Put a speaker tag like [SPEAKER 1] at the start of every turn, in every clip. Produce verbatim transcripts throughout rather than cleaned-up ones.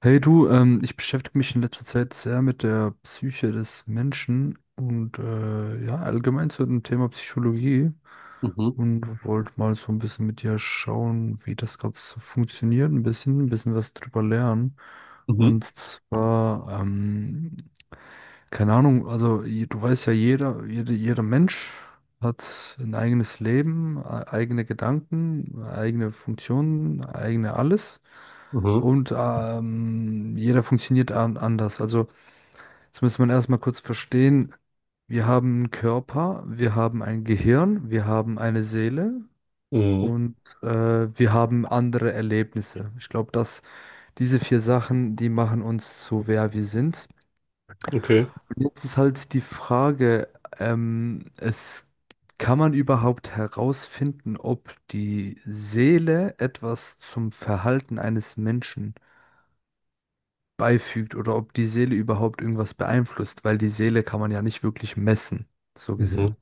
[SPEAKER 1] Hey du, ähm, ich beschäftige mich in letzter Zeit sehr mit der Psyche des Menschen und äh, ja, allgemein zu dem Thema Psychologie
[SPEAKER 2] Mhm.
[SPEAKER 1] und wollte mal so ein bisschen mit dir schauen, wie das gerade so funktioniert, ein bisschen, ein bisschen was drüber lernen.
[SPEAKER 2] Mhm.
[SPEAKER 1] Und zwar, ähm, keine Ahnung, also je- du weißt ja, jeder, jede, jeder Mensch hat ein eigenes Leben, e- eigene Gedanken, eigene Funktionen, eigene alles.
[SPEAKER 2] Mhm.
[SPEAKER 1] Und ähm, jeder funktioniert an anders. Also, das muss man erstmal kurz verstehen. Wir haben einen Körper, wir haben ein Gehirn, wir haben eine Seele
[SPEAKER 2] Mhm.
[SPEAKER 1] und äh, wir haben andere Erlebnisse. Ich glaube, dass diese vier Sachen, die machen uns so, wer wir sind.
[SPEAKER 2] Okay.
[SPEAKER 1] Und jetzt ist halt die Frage, ähm, es kann man überhaupt herausfinden, ob die Seele etwas zum Verhalten eines Menschen beifügt oder ob die Seele überhaupt irgendwas beeinflusst, weil die Seele kann man ja nicht wirklich messen, so
[SPEAKER 2] Mhm.
[SPEAKER 1] gesehen.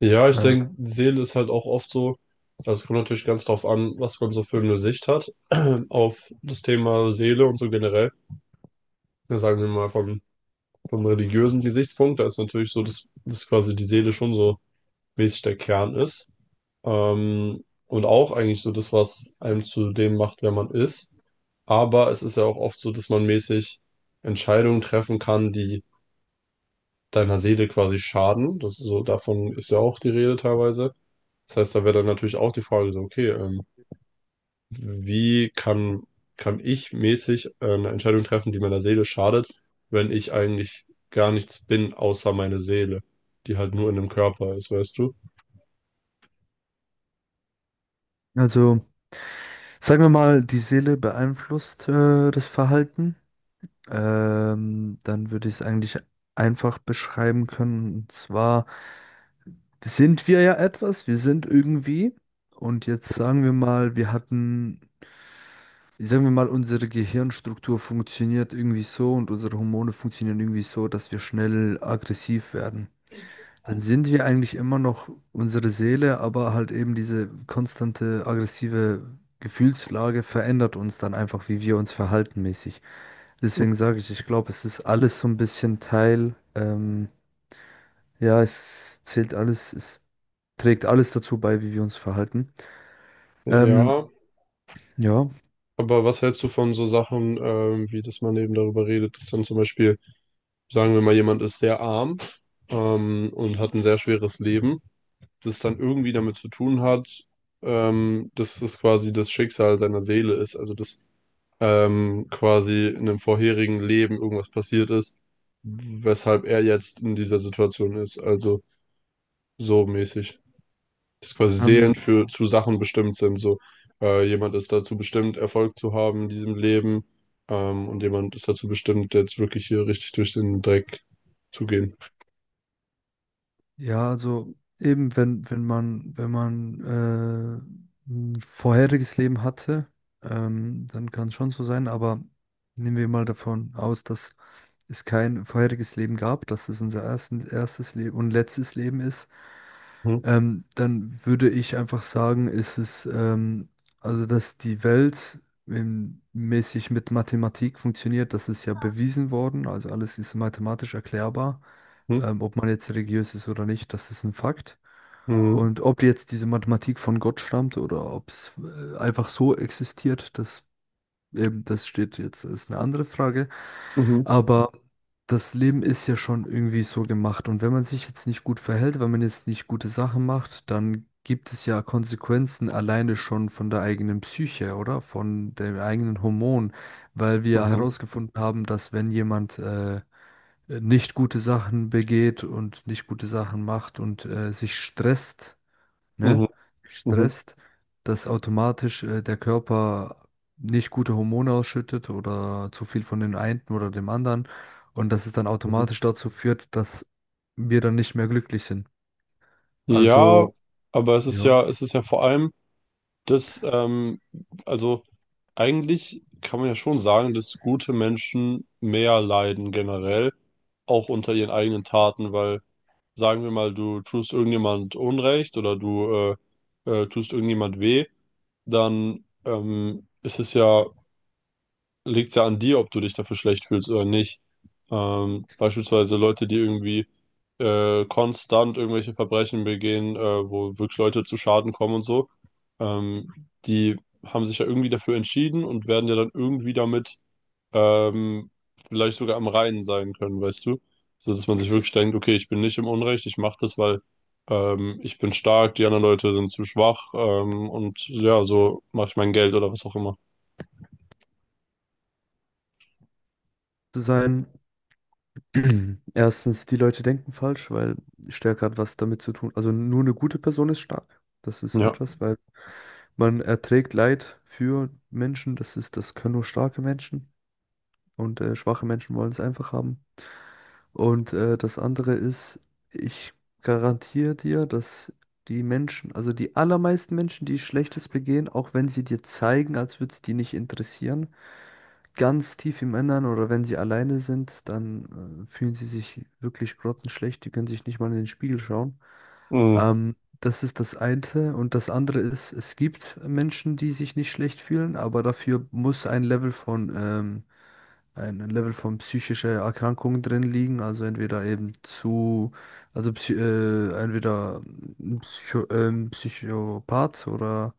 [SPEAKER 2] Ja, ich
[SPEAKER 1] Äh,
[SPEAKER 2] denke, die Seele ist halt auch oft so, also es kommt natürlich ganz drauf an, was man so für eine Sicht hat auf das Thema Seele und so generell. Ja, sagen wir mal vom, vom religiösen Gesichtspunkt, da ist natürlich so, dass, dass quasi die Seele schon so mäßig der Kern ist. Ähm, und auch eigentlich so das, was einem zu dem macht, wer man ist. Aber es ist ja auch oft so, dass man mäßig Entscheidungen treffen kann, die deiner Seele quasi schaden. Das ist so, davon ist ja auch die Rede teilweise. Das heißt, da wäre dann natürlich auch die Frage so, okay, ähm, wie kann, kann ich mäßig äh, eine Entscheidung treffen, die meiner Seele schadet, wenn ich eigentlich gar nichts bin, außer meine Seele, die halt nur in dem Körper ist, weißt du?
[SPEAKER 1] also sagen wir mal, die Seele beeinflusst äh, das Verhalten, ähm, dann würde ich es eigentlich einfach beschreiben können. Und zwar sind wir ja etwas, wir sind irgendwie. Und jetzt sagen wir mal, wir hatten, sagen wir mal, unsere Gehirnstruktur funktioniert irgendwie so und unsere Hormone funktionieren irgendwie so, dass wir schnell aggressiv werden. Dann sind wir eigentlich immer noch unsere Seele, aber halt eben diese konstante aggressive Gefühlslage verändert uns dann einfach, wie wir uns verhalten mäßig. Deswegen sage ich, ich glaube, es ist alles so ein bisschen Teil, ähm, ja, es zählt alles, es trägt alles dazu bei, wie wir uns verhalten. Ähm,
[SPEAKER 2] Ja,
[SPEAKER 1] ja.
[SPEAKER 2] aber was hältst du von so Sachen, ähm, wie dass man eben darüber redet, dass dann zum Beispiel, sagen wir mal, jemand ist sehr arm ähm, und hat ein sehr schweres Leben. Das dann irgendwie damit zu tun hat, ähm, dass es quasi das Schicksal seiner Seele ist. Also dass ähm, quasi in einem vorherigen Leben irgendwas passiert ist, weshalb er jetzt in dieser Situation ist. Also so mäßig. Dass quasi Seelen
[SPEAKER 1] Ähm,
[SPEAKER 2] für zu Sachen bestimmt sind. So äh, jemand ist dazu bestimmt, Erfolg zu haben in diesem Leben. Ähm, und jemand ist dazu bestimmt, jetzt wirklich hier richtig durch den Dreck zu gehen.
[SPEAKER 1] Ja, also eben, wenn, wenn man, wenn man äh, ein vorheriges Leben hatte, ähm, dann kann es schon so sein, aber nehmen wir mal davon aus, dass es kein vorheriges Leben gab, dass es unser ersten, erstes Leben und letztes Leben ist,
[SPEAKER 2] Mhm.
[SPEAKER 1] ähm, dann würde ich einfach sagen, ist es, ähm, also dass die Welt ähm, mäßig mit Mathematik funktioniert, das ist ja bewiesen worden, also alles ist mathematisch erklärbar
[SPEAKER 2] Mhm.
[SPEAKER 1] ähm, ob man jetzt religiös ist oder nicht, das ist ein Fakt.
[SPEAKER 2] Mhm.
[SPEAKER 1] Und ob jetzt diese Mathematik von Gott stammt oder ob es äh, einfach so existiert, das eben, das steht jetzt, ist eine andere Frage.
[SPEAKER 2] Mhm.
[SPEAKER 1] Aber das Leben ist ja schon irgendwie so gemacht. Und wenn man sich jetzt nicht gut verhält, wenn man jetzt nicht gute Sachen macht, dann gibt es ja Konsequenzen alleine schon von der eigenen Psyche, oder? Von den eigenen Hormonen, weil wir
[SPEAKER 2] Mhm.
[SPEAKER 1] herausgefunden haben, dass wenn jemand äh, äh, nicht gute Sachen begeht und nicht gute Sachen macht und äh, sich stresst,
[SPEAKER 2] Mhm.
[SPEAKER 1] ne? Stresst, dass automatisch äh, der Körper nicht gute Hormone ausschüttet oder zu viel von den einen oder dem anderen und dass es dann
[SPEAKER 2] Mhm.
[SPEAKER 1] automatisch dazu führt, dass wir dann nicht mehr glücklich sind.
[SPEAKER 2] Ja,
[SPEAKER 1] Also,
[SPEAKER 2] aber es ist
[SPEAKER 1] ja,
[SPEAKER 2] ja, es ist ja vor allem das, ähm, also eigentlich kann man ja schon sagen, dass gute Menschen mehr leiden generell, auch unter ihren eigenen Taten, weil sagen wir mal, du tust irgendjemand Unrecht oder du äh, äh, tust irgendjemand weh, dann ähm, ist es ja liegt ja an dir, ob du dich dafür schlecht fühlst oder nicht. Ähm, beispielsweise Leute, die irgendwie äh, konstant irgendwelche Verbrechen begehen, äh, wo wirklich Leute zu Schaden kommen und so, ähm, die haben sich ja irgendwie dafür entschieden und werden ja dann irgendwie damit ähm, vielleicht sogar am Reinen sein können, weißt du? So dass man sich wirklich denkt, okay, ich bin nicht im Unrecht, ich mache das, weil ähm, ich bin stark, die anderen Leute sind zu schwach ähm, und ja, so mache ich mein Geld oder was auch immer.
[SPEAKER 1] zu sein. Erstens, die Leute denken falsch, weil Stärke hat was damit zu tun. Also nur eine gute Person ist stark. Das ist
[SPEAKER 2] Ja.
[SPEAKER 1] etwas, weil man erträgt Leid für Menschen. Das ist, das können nur starke Menschen. Und äh, schwache Menschen wollen es einfach haben. Und äh, das andere ist, ich garantiere dir, dass die Menschen, also die allermeisten Menschen, die Schlechtes begehen, auch wenn sie dir zeigen, als würde es die nicht interessieren, ganz tief im Innern oder wenn sie alleine sind, dann äh, fühlen sie sich wirklich grottenschlecht, die können sich nicht mal in den Spiegel schauen.
[SPEAKER 2] Mhm.
[SPEAKER 1] Ähm, das ist das eine. Und das andere ist, es gibt Menschen, die sich nicht schlecht fühlen, aber dafür muss ein Level von, ähm, ein Level von psychischer Erkrankung drin liegen. Also entweder eben zu, also psy- äh, entweder ein Psycho, ähm, Psychopath oder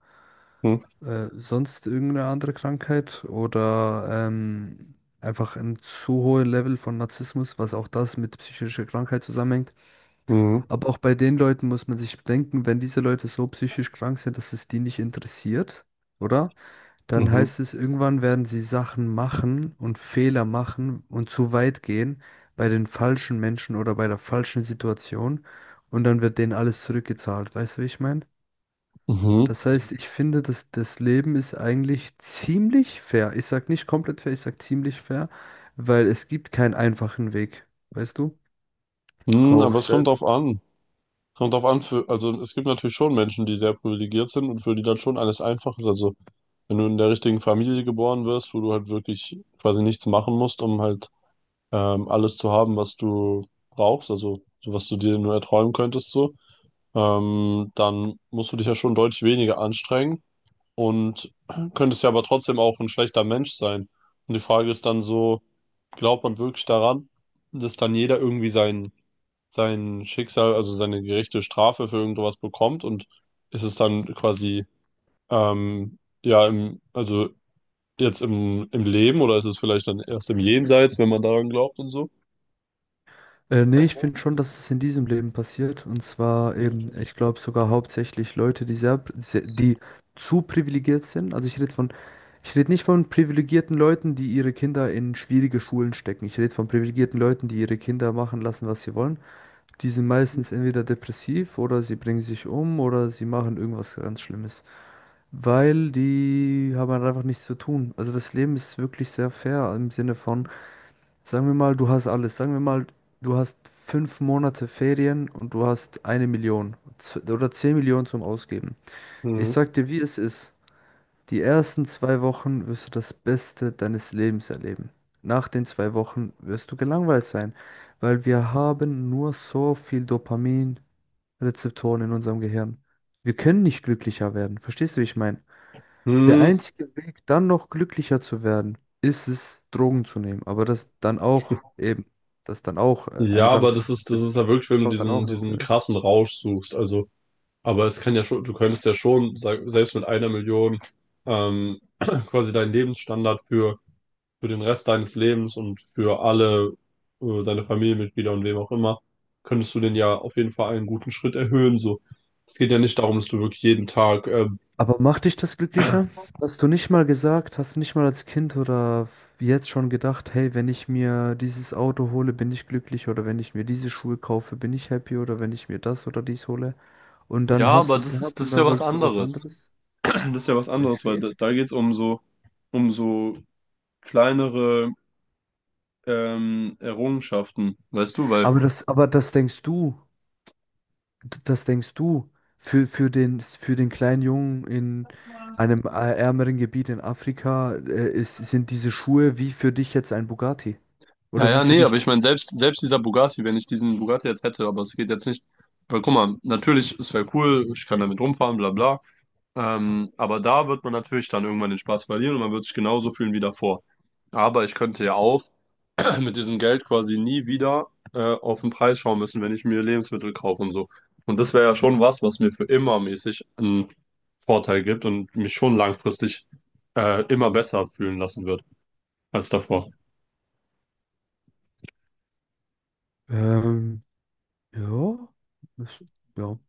[SPEAKER 2] Mhm.
[SPEAKER 1] äh, sonst irgendeine andere Krankheit oder ähm, einfach ein zu hohes Level von Narzissmus, was auch das mit psychischer Krankheit zusammenhängt.
[SPEAKER 2] Mhm.
[SPEAKER 1] Aber auch bei den Leuten muss man sich bedenken, wenn diese Leute so psychisch krank sind, dass es die nicht interessiert, oder? Dann
[SPEAKER 2] Mhm.
[SPEAKER 1] heißt es, irgendwann werden sie Sachen machen und Fehler machen und zu weit gehen bei den falschen Menschen oder bei der falschen Situation und dann wird denen alles zurückgezahlt. Weißt du, wie ich meine?
[SPEAKER 2] Mhm.
[SPEAKER 1] Das heißt, ich finde, dass das Leben ist eigentlich ziemlich fair. Ich sag nicht komplett fair, ich sag ziemlich fair, weil es gibt keinen einfachen Weg, weißt du?
[SPEAKER 2] Mhm.
[SPEAKER 1] Auch
[SPEAKER 2] Aber es kommt
[SPEAKER 1] selbst.
[SPEAKER 2] drauf an. Kommt drauf an für, also es gibt natürlich schon Menschen, die sehr privilegiert sind und für die dann schon alles einfach ist. Also wenn du in der richtigen Familie geboren wirst, wo du halt wirklich quasi nichts machen musst, um halt ähm, alles zu haben, was du brauchst, also so was du dir nur erträumen könntest, so, ähm, dann musst du dich ja schon deutlich weniger anstrengen und könntest ja aber trotzdem auch ein schlechter Mensch sein. Und die Frage ist dann so, glaubt man wirklich daran, dass dann jeder irgendwie sein sein Schicksal, also seine gerechte Strafe für irgendwas bekommt und ist es dann quasi, ähm, ja, im, also jetzt im, im Leben oder ist es vielleicht dann erst im Jenseits, wenn man daran glaubt und so?
[SPEAKER 1] Äh, nee, ich finde schon, dass es in diesem Leben passiert. Und zwar eben, ich glaube sogar hauptsächlich Leute, die sehr, sehr, die zu privilegiert sind. Also ich rede von, ich rede nicht von privilegierten Leuten, die ihre Kinder in schwierige Schulen stecken. Ich rede von privilegierten Leuten, die ihre Kinder machen lassen, was sie wollen. Die sind meistens entweder depressiv oder sie bringen sich um oder sie machen irgendwas ganz Schlimmes, weil die haben halt einfach nichts zu tun. Also das Leben ist wirklich sehr fair im Sinne von, sagen wir mal, du hast alles. Sagen wir mal, du hast fünf Monate Ferien und du hast eine Million z- oder zehn Millionen zum Ausgeben. Ich
[SPEAKER 2] Mhm.
[SPEAKER 1] sag dir, wie es ist. Die ersten zwei Wochen wirst du das Beste deines Lebens erleben. Nach den zwei Wochen wirst du gelangweilt sein, weil wir haben nur so viel Dopamin. Rezeptoren in unserem Gehirn. Wir können nicht glücklicher werden. Verstehst du, wie ich meine? Der
[SPEAKER 2] Mhm.
[SPEAKER 1] einzige Weg, dann noch glücklicher zu werden, ist es, Drogen zu nehmen. Aber das dann auch eben, das dann auch äh,
[SPEAKER 2] Ja,
[SPEAKER 1] eine Sache
[SPEAKER 2] aber
[SPEAKER 1] für
[SPEAKER 2] das ist, das
[SPEAKER 1] die
[SPEAKER 2] ist ja wirklich, wenn du
[SPEAKER 1] kommt dann auch
[SPEAKER 2] diesen,
[SPEAKER 1] mit. äh.
[SPEAKER 2] diesen krassen Rausch suchst. Also, aber es kann ja schon, du könntest ja schon, sag, selbst mit einer Million, ähm, quasi deinen Lebensstandard für für den Rest deines Lebens und für alle äh, deine Familienmitglieder und wem auch immer, könntest du den ja auf jeden Fall einen guten Schritt erhöhen. So, es geht ja nicht darum, dass du wirklich jeden Tag, ähm,
[SPEAKER 1] Aber macht dich das glücklicher? Hast du nicht mal gesagt, hast du nicht mal als Kind oder f- jetzt schon gedacht, hey, wenn ich mir dieses Auto hole, bin ich glücklich oder wenn ich mir diese Schuhe kaufe, bin ich happy oder wenn ich mir das oder dies hole? Und
[SPEAKER 2] Ja,
[SPEAKER 1] dann hast du
[SPEAKER 2] aber
[SPEAKER 1] es
[SPEAKER 2] das ist,
[SPEAKER 1] gehabt
[SPEAKER 2] das
[SPEAKER 1] und
[SPEAKER 2] ist ja
[SPEAKER 1] dann
[SPEAKER 2] was
[SPEAKER 1] wolltest du was
[SPEAKER 2] anderes.
[SPEAKER 1] anderes?
[SPEAKER 2] Das ist ja was
[SPEAKER 1] Es
[SPEAKER 2] anderes, weil da,
[SPEAKER 1] geht.
[SPEAKER 2] da geht es um so, um so kleinere ähm, Errungenschaften. Weißt du, weil,
[SPEAKER 1] Aber das, aber das denkst du, d- das denkst du für, für den, für den kleinen Jungen in einem ä- ärmeren Gebiet in Afrika, äh, ist, sind diese Schuhe wie für dich jetzt ein Bugatti?
[SPEAKER 2] ja,
[SPEAKER 1] Oder wie
[SPEAKER 2] ja,
[SPEAKER 1] für
[SPEAKER 2] nee, aber
[SPEAKER 1] dich?
[SPEAKER 2] ich meine, selbst, selbst dieser Bugatti, wenn ich diesen Bugatti jetzt hätte, aber es geht jetzt nicht, weil guck mal, natürlich, es wäre cool, ich kann damit rumfahren, bla bla, ähm, aber da wird man natürlich dann irgendwann den Spaß verlieren und man wird sich genauso fühlen wie davor. Aber ich könnte ja auch mit diesem Geld quasi nie wieder äh, auf den Preis schauen müssen, wenn ich mir Lebensmittel kaufe und so. Und das wäre ja schon was, was mir für immer mäßig einen Vorteil gibt und mich schon langfristig äh, immer besser fühlen lassen wird als davor.
[SPEAKER 1] Ähm, ja, das, ja.